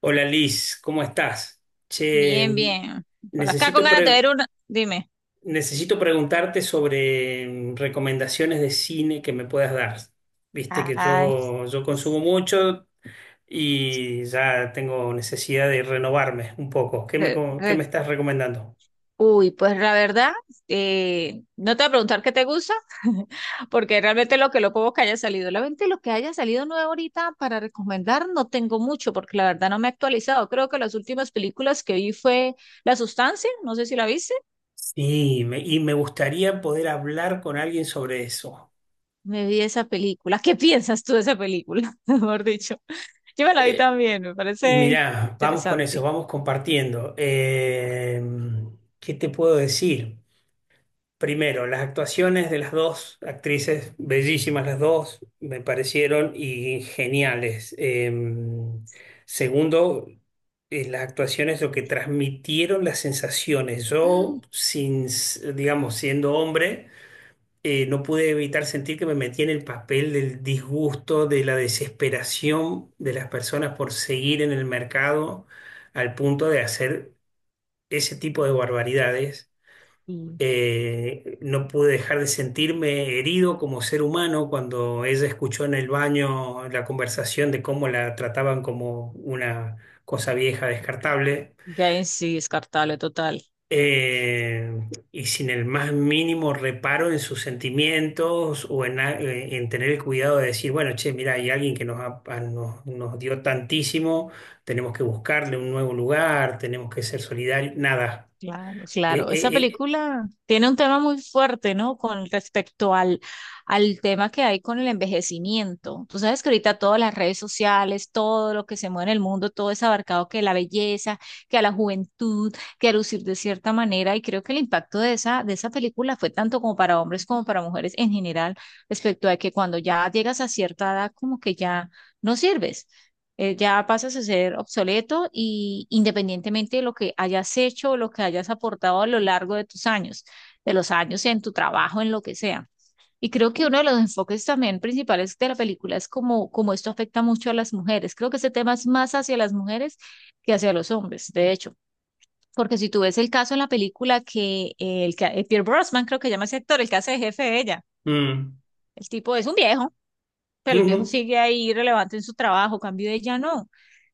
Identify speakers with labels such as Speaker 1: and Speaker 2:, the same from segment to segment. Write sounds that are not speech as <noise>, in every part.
Speaker 1: Hola Liz, ¿cómo estás? Che,
Speaker 2: Bien, bien. Por acá con
Speaker 1: necesito,
Speaker 2: ganas de ver
Speaker 1: pre-
Speaker 2: una. Dime.
Speaker 1: necesito preguntarte sobre recomendaciones de cine que me puedas dar. Viste que
Speaker 2: Ay,
Speaker 1: yo consumo mucho y ya tengo necesidad de renovarme un poco. ¿Qué me,
Speaker 2: re-
Speaker 1: co- qué me
Speaker 2: re-
Speaker 1: estás recomendando?
Speaker 2: uy, pues la verdad, no te voy a preguntar qué te gusta, <laughs> porque realmente lo poco que haya salido, realmente lo que haya salido nuevo ahorita para recomendar no tengo mucho, porque la verdad no me he actualizado. Creo que las últimas películas que vi fue La Sustancia, no sé si la viste,
Speaker 1: Sí, y me gustaría poder hablar con alguien sobre eso.
Speaker 2: me vi esa película. ¿Qué piensas tú de esa película? <laughs> Mejor dicho, yo me la vi
Speaker 1: Eh,
Speaker 2: también, me parece
Speaker 1: mirá, vamos con eso,
Speaker 2: interesante.
Speaker 1: vamos compartiendo. ¿Qué te puedo decir? Primero, las actuaciones de las dos actrices, bellísimas las dos, me parecieron y geniales. Segundo, las actuaciones, lo que transmitieron las sensaciones. Yo,
Speaker 2: <gasps>
Speaker 1: sin, s- digamos, siendo hombre, no pude evitar sentir que me metí en el papel del disgusto, de la desesperación de las personas por seguir en el mercado al punto de hacer ese tipo de barbaridades.
Speaker 2: Mm.
Speaker 1: No pude dejar de sentirme herido como ser humano cuando ella escuchó en el baño la conversación de cómo la trataban como una cosa vieja, descartable,
Speaker 2: Ya en sí, descartable total.
Speaker 1: eh, y sin el más mínimo reparo en sus sentimientos o en tener el cuidado de decir, bueno, che, mira, hay alguien que nos, ha- a- nos, nos dio tantísimo, tenemos que buscarle un nuevo lugar, tenemos que ser solidarios, nada.
Speaker 2: Claro,
Speaker 1: Eh,
Speaker 2: claro. Esa
Speaker 1: eh, eh,
Speaker 2: película tiene un tema muy fuerte, ¿no? Con respecto al, al tema que hay con el envejecimiento. Tú sabes que ahorita todas las redes sociales, todo lo que se mueve en el mundo, todo es abarcado que la belleza, que a la juventud, que a lucir de cierta manera. Y creo que el impacto de esa película fue tanto como para hombres como para mujeres en general, respecto a que cuando ya llegas a cierta edad, como que ya no sirves. Ya pasas a ser obsoleto y independientemente de lo que hayas hecho o lo que hayas aportado a lo largo de tus años, de los años en tu trabajo, en lo que sea. Y creo que uno de los enfoques también principales de la película es cómo esto afecta mucho a las mujeres. Creo que ese tema es más hacia las mujeres que hacia los hombres, de hecho. Porque si tú ves el caso en la película que Pierce Brosnan, creo que llama ese actor, el que hace de jefe de ella,
Speaker 1: mm,
Speaker 2: el tipo es un viejo,
Speaker 1: <laughs>
Speaker 2: pero el viejo
Speaker 1: Ujú.
Speaker 2: sigue ahí relevante en su trabajo, cambio de ella no.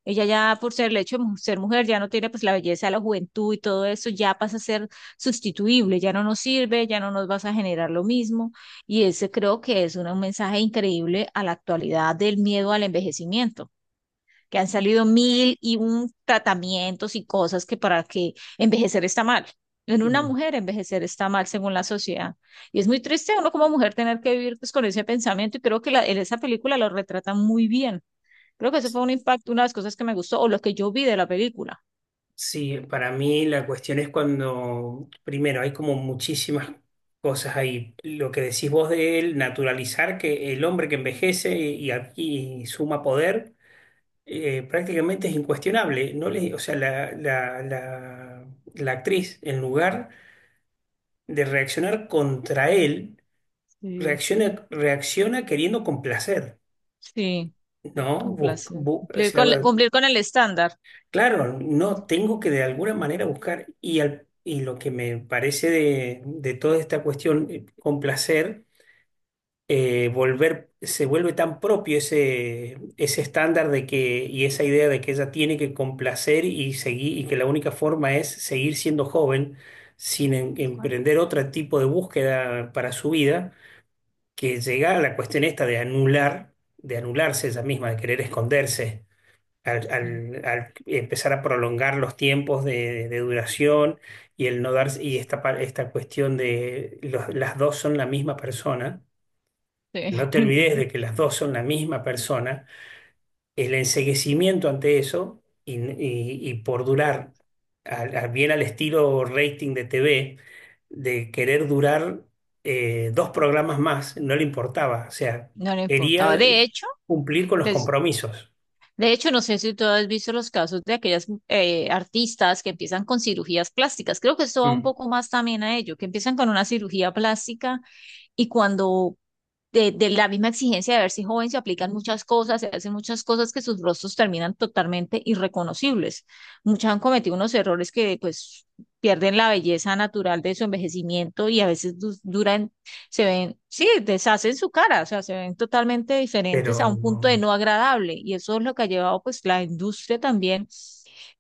Speaker 2: Ella ya por ser el hecho de ser mujer ya no tiene pues la belleza, la juventud y todo eso, ya pasa a ser sustituible, ya no nos sirve, ya no nos vas a generar lo mismo. Y ese creo que es un mensaje increíble a la actualidad del miedo al envejecimiento, que han salido mil y un tratamientos y cosas que para que envejecer está mal. En una
Speaker 1: Mm.
Speaker 2: mujer envejecer está mal según la sociedad. Y es muy triste uno como mujer tener que vivir pues con ese pensamiento, y creo que en esa película lo retratan muy bien. Creo que ese fue un impacto, una de las cosas que me gustó o lo que yo vi de la película.
Speaker 1: Sí, para mí la cuestión es cuando, primero, hay como muchísimas cosas ahí. Lo que decís vos de él, naturalizar que el hombre que envejece y, aquí suma poder, prácticamente es incuestionable. No le, o sea, la actriz, en lugar de reaccionar contra él,
Speaker 2: Sí,
Speaker 1: reacciona queriendo complacer,
Speaker 2: sí,
Speaker 1: ¿no?
Speaker 2: un
Speaker 1: Bus-
Speaker 2: placer.
Speaker 1: bu- o sea,
Speaker 2: Cumplir con el estándar.
Speaker 1: claro, no tengo que de alguna manera buscar y lo que me parece de toda esta cuestión, con placer, se vuelve tan propio ese, ese estándar de que, y esa idea de que ella tiene que complacer y seguir, y que la única forma es seguir siendo joven sin emprender otro tipo de búsqueda para su vida, que llega a la cuestión esta de anularse ella misma, de querer esconderse al,
Speaker 2: Sí,
Speaker 1: al- al empezar a prolongar los tiempos de duración y el no darse, y esta cuestión de las dos son la misma persona,
Speaker 2: sí,
Speaker 1: que no te
Speaker 2: <laughs> que
Speaker 1: olvides
Speaker 2: eso
Speaker 1: de que las dos son la misma persona, el enceguecimiento ante eso y por durar bien al estilo rating de TV, de querer durar dos programas más, no le importaba, o sea,
Speaker 2: no le importaba.
Speaker 1: quería
Speaker 2: De hecho,
Speaker 1: cumplir con los
Speaker 2: des-
Speaker 1: compromisos.
Speaker 2: de hecho, no sé si tú has visto los casos de aquellas artistas que empiezan con cirugías plásticas. Creo que esto va un
Speaker 1: Mm.
Speaker 2: poco más también a ello, que empiezan con una cirugía plástica y cuando la misma exigencia de verse joven, se aplican muchas cosas, se hacen muchas cosas que sus rostros terminan totalmente irreconocibles. Muchas han cometido unos errores que pues pierden la belleza natural de su envejecimiento, y a veces du duran, se ven, sí, deshacen su cara, o sea, se ven totalmente diferentes a
Speaker 1: Pero
Speaker 2: un punto de no agradable, y eso es lo que ha llevado pues la industria también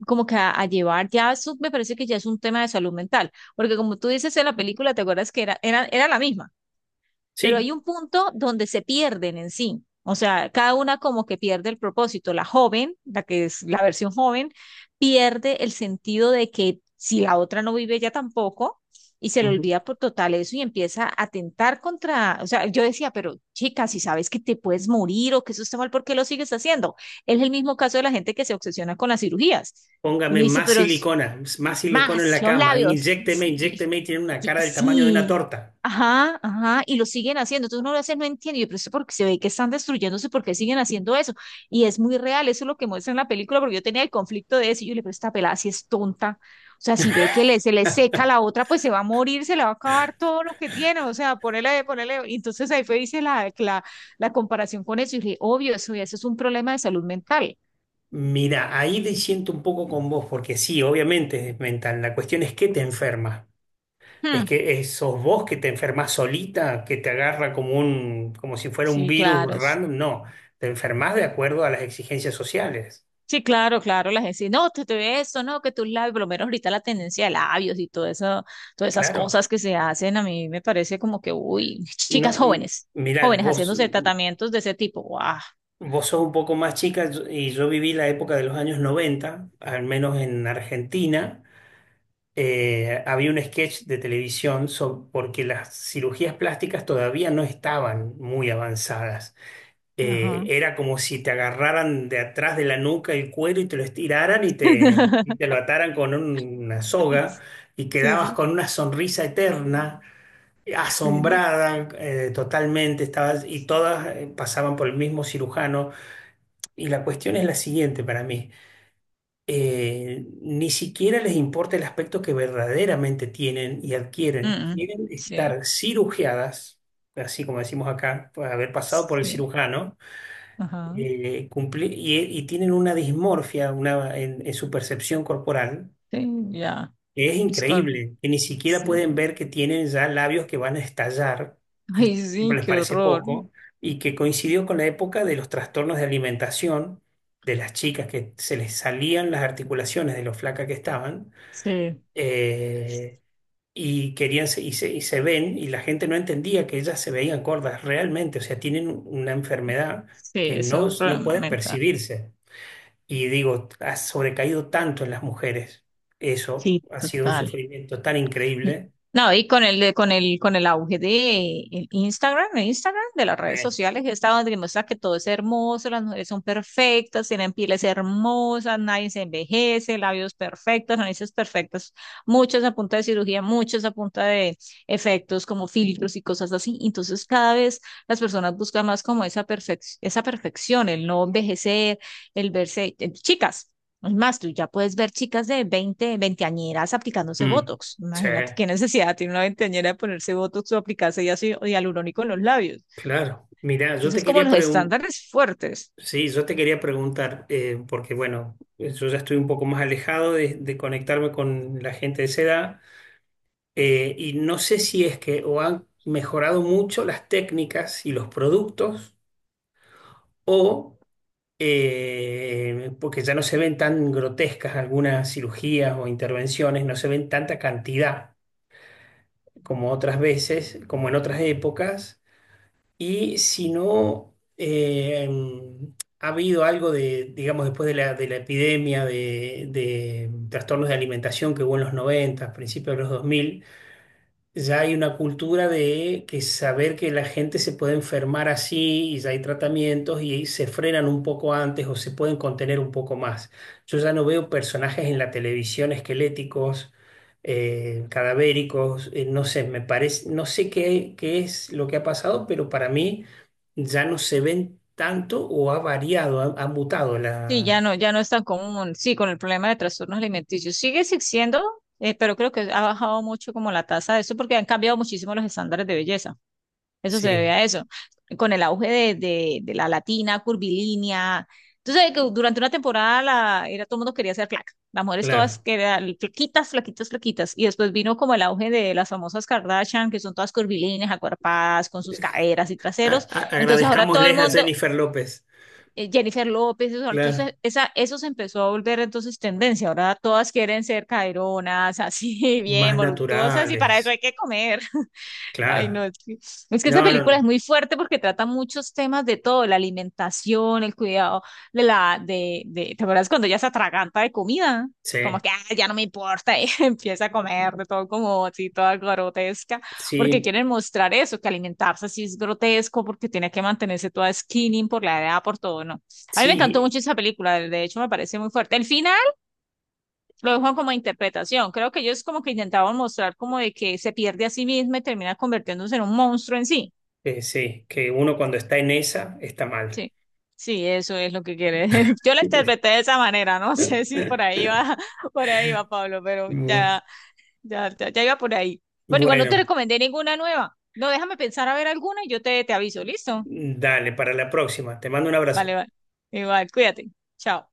Speaker 2: como que a llevar, ya eso me parece que ya es un tema de salud mental, porque como tú dices en la película, ¿te acuerdas que era la misma? Pero hay
Speaker 1: sí.
Speaker 2: un punto donde se pierden en sí. O sea, cada una como que pierde el propósito. La joven, la que es la versión joven, pierde el sentido de que si la otra no vive, ella tampoco, y se le
Speaker 1: Ujú.
Speaker 2: olvida por total eso y empieza a atentar contra, o sea, yo decía, pero chica, si sabes que te puedes morir o que eso está mal, ¿por qué lo sigues haciendo? Es el mismo caso de la gente que se obsesiona con las cirugías. Uno
Speaker 1: Póngame
Speaker 2: dice, pero
Speaker 1: más silicona en
Speaker 2: más
Speaker 1: la
Speaker 2: los
Speaker 1: cama,
Speaker 2: labios.
Speaker 1: inyécteme,
Speaker 2: Sí,
Speaker 1: inyécteme y tiene una
Speaker 2: y-
Speaker 1: cara del tamaño de una
Speaker 2: sí.
Speaker 1: torta.
Speaker 2: Ajá, ajá, y lo siguen haciendo. Entonces uno lo veces no entiende, yo, pero eso porque se ve que están destruyéndose, ¿porque siguen haciendo eso? Y es muy real, eso es lo que muestra en la película, porque yo tenía el conflicto de eso, y yo le digo, pero esta pelada si es tonta. O sea, si ve que le, se le seca la otra, pues se va a morir, se le va a acabar todo lo que tiene. O sea, ponele, ponele. Y entonces ahí fue, hice la comparación con eso, y dije, obvio, eso es un problema de salud mental.
Speaker 1: Mira, ahí te siento un poco con vos, porque sí, obviamente es mental. La cuestión es que te enferma. Es
Speaker 2: Hmm.
Speaker 1: que sos vos que te enfermas solita, que te agarra como un, como si fuera un
Speaker 2: Sí,
Speaker 1: virus
Speaker 2: claro.
Speaker 1: random. No, te enfermas de acuerdo a las exigencias sociales.
Speaker 2: Sí, claro, claro, la gente dice, no, te ve esto, no, que tus labios, por lo menos ahorita la tendencia de labios y todo eso, todas esas
Speaker 1: Claro.
Speaker 2: cosas que se hacen, a mí me parece como que, uy, <laughs>
Speaker 1: No,
Speaker 2: chicas jóvenes,
Speaker 1: mirá,
Speaker 2: jóvenes
Speaker 1: vos,
Speaker 2: haciéndose tratamientos de ese tipo, guau.
Speaker 1: vos sos un poco más chica y yo viví la época de los años 90, al menos en Argentina. Había un sketch de televisión porque las cirugías plásticas todavía no estaban muy avanzadas. Eh,
Speaker 2: Ajá.
Speaker 1: era como si te agarraran de atrás de la nuca el cuero y te lo estiraran y te lo
Speaker 2: <laughs>
Speaker 1: ataran con una soga y quedabas con una sonrisa eterna, asombrada, totalmente, estabas, y todas pasaban por el mismo cirujano. Y la cuestión es la siguiente para mí. Ni siquiera les importa el aspecto que verdaderamente tienen y adquieren.
Speaker 2: Mm, mm.
Speaker 1: Quieren
Speaker 2: Sí,
Speaker 1: estar cirugiadas, así como decimos acá, por haber pasado por el
Speaker 2: sí,
Speaker 1: cirujano,
Speaker 2: ajá,
Speaker 1: y tienen una dismorfia una, en su percepción corporal.
Speaker 2: sí, ya,
Speaker 1: Es
Speaker 2: es correcto.
Speaker 1: increíble que ni siquiera pueden
Speaker 2: Sí.
Speaker 1: ver que tienen ya labios que van a estallar, y
Speaker 2: Ay,
Speaker 1: siempre
Speaker 2: sí,
Speaker 1: les
Speaker 2: qué
Speaker 1: parece
Speaker 2: horror.
Speaker 1: poco, y que coincidió con la época de los trastornos de alimentación de las chicas que se les salían las articulaciones de lo flaca que estaban,
Speaker 2: Sí,
Speaker 1: eh, y querían y se ven, y la gente no entendía que ellas se veían gordas realmente, o sea, tienen una enfermedad
Speaker 2: sí,
Speaker 1: que
Speaker 2: eso es
Speaker 1: no,
Speaker 2: un
Speaker 1: no
Speaker 2: problema
Speaker 1: pueden
Speaker 2: mental.
Speaker 1: percibirse. Y digo, ha sobrecaído tanto en las mujeres. Eso
Speaker 2: Sí,
Speaker 1: ha sido un
Speaker 2: total.
Speaker 1: sufrimiento tan increíble.
Speaker 2: No, y con el, de- con el auge de el Instagram, de las redes
Speaker 1: Sí.
Speaker 2: sociales, está donde demuestra que todo es hermoso, las mujeres son perfectas, tienen pieles hermosas, nadie se envejece, labios perfectos, narices perfectas, muchas a punta de cirugía, muchas a punta de efectos como filtros y cosas así. Entonces, cada vez las personas buscan más como esa perfección, el no envejecer, el verse, chicas. Es más, tú ya puedes ver chicas de veinteañeras aplicándose
Speaker 1: Mm.
Speaker 2: Botox.
Speaker 1: Sí,
Speaker 2: Imagínate qué necesidad tiene una veinteañera de ponerse Botox o aplicarse ya así hialurónico en los labios.
Speaker 1: claro. Mirá, yo te
Speaker 2: Entonces, como
Speaker 1: quería
Speaker 2: los
Speaker 1: preguntar,
Speaker 2: estándares fuertes.
Speaker 1: sí, yo te quería preguntar, porque bueno, yo ya estoy un poco más alejado de conectarme con la gente de esa edad, y no sé si es que o han mejorado mucho las técnicas y los productos, o porque ya no se ven tan grotescas algunas cirugías o intervenciones, no se ven tanta cantidad como otras veces, como en otras épocas, y si no ha habido algo de, digamos, después de la epidemia de trastornos de alimentación que hubo en los 90 principios de los 2000 ya hay una cultura de que saber que la gente se puede enfermar así y ya hay tratamientos y se frenan un poco antes o se pueden contener un poco más. Yo ya no veo personajes en la televisión esqueléticos, cadavéricos, no sé, me parece, no sé qué es lo que ha pasado, pero para mí ya no se ven tanto o ha variado, ha, mutado
Speaker 2: Sí,
Speaker 1: la...
Speaker 2: ya no, ya no es tan común. Sí, con el problema de trastornos alimenticios. Sigue existiendo, pero creo que ha bajado mucho como la tasa de eso porque han cambiado muchísimo los estándares de belleza. Eso se debe
Speaker 1: Sí,
Speaker 2: a eso. Con el auge de, de la latina, curvilínea. Entonces, que durante una temporada todo el mundo quería ser flaca. Las mujeres todas
Speaker 1: claro.
Speaker 2: querían flaquitas, flaquitas, flaquitas. Y después vino como el auge de las famosas Kardashian, que son todas curvilíneas, acuerpadas, con sus caderas y
Speaker 1: A-
Speaker 2: traseros.
Speaker 1: a-
Speaker 2: Entonces, ahora todo el
Speaker 1: agradezcámosles a
Speaker 2: mundo,
Speaker 1: Jennifer López,
Speaker 2: Jennifer López, eso,
Speaker 1: claro,
Speaker 2: entonces eso se empezó a volver entonces tendencia. Ahora todas quieren ser caderonas, así, <laughs> bien,
Speaker 1: más
Speaker 2: voluptuosas, y para eso
Speaker 1: naturales.
Speaker 2: hay que comer. Ay, no,
Speaker 1: Claro,
Speaker 2: es que esa
Speaker 1: no,
Speaker 2: película es
Speaker 1: no,
Speaker 2: muy fuerte porque trata muchos temas de todo, la alimentación, el cuidado de la, ¿te acuerdas cuando ella se atraganta de comida? Como
Speaker 1: sí,
Speaker 2: que, "Ah, ya no me importa", <laughs> y empieza a comer de todo como así, toda grotesca, porque
Speaker 1: sí,
Speaker 2: quieren mostrar eso, que alimentarse así es grotesco, porque tiene que mantenerse toda skinny por la edad, por todo, ¿no? A mí me encantó
Speaker 1: sí,
Speaker 2: mucho esa película, de hecho me parece muy fuerte. El final lo dejo como interpretación. Creo que ellos como que intentaban mostrar como de que se pierde a sí misma y termina convirtiéndose en un monstruo en sí.
Speaker 1: sí, que uno cuando está en esa está mal.
Speaker 2: Sí, sí, eso es lo que quiere. <laughs> Yo lo
Speaker 1: <laughs>
Speaker 2: interpreté de esa manera, no <laughs> sé si por ahí va, <laughs> por ahí va Pablo, pero
Speaker 1: Bu-
Speaker 2: ya, ya, ya iba por ahí. Bueno, igual no te
Speaker 1: Bueno,
Speaker 2: recomendé ninguna nueva. No, déjame pensar a ver alguna y yo te aviso, ¿listo?
Speaker 1: dale, para la próxima. Te mando un
Speaker 2: Vale,
Speaker 1: abrazo.
Speaker 2: vale. Igual, cuídate. Chao.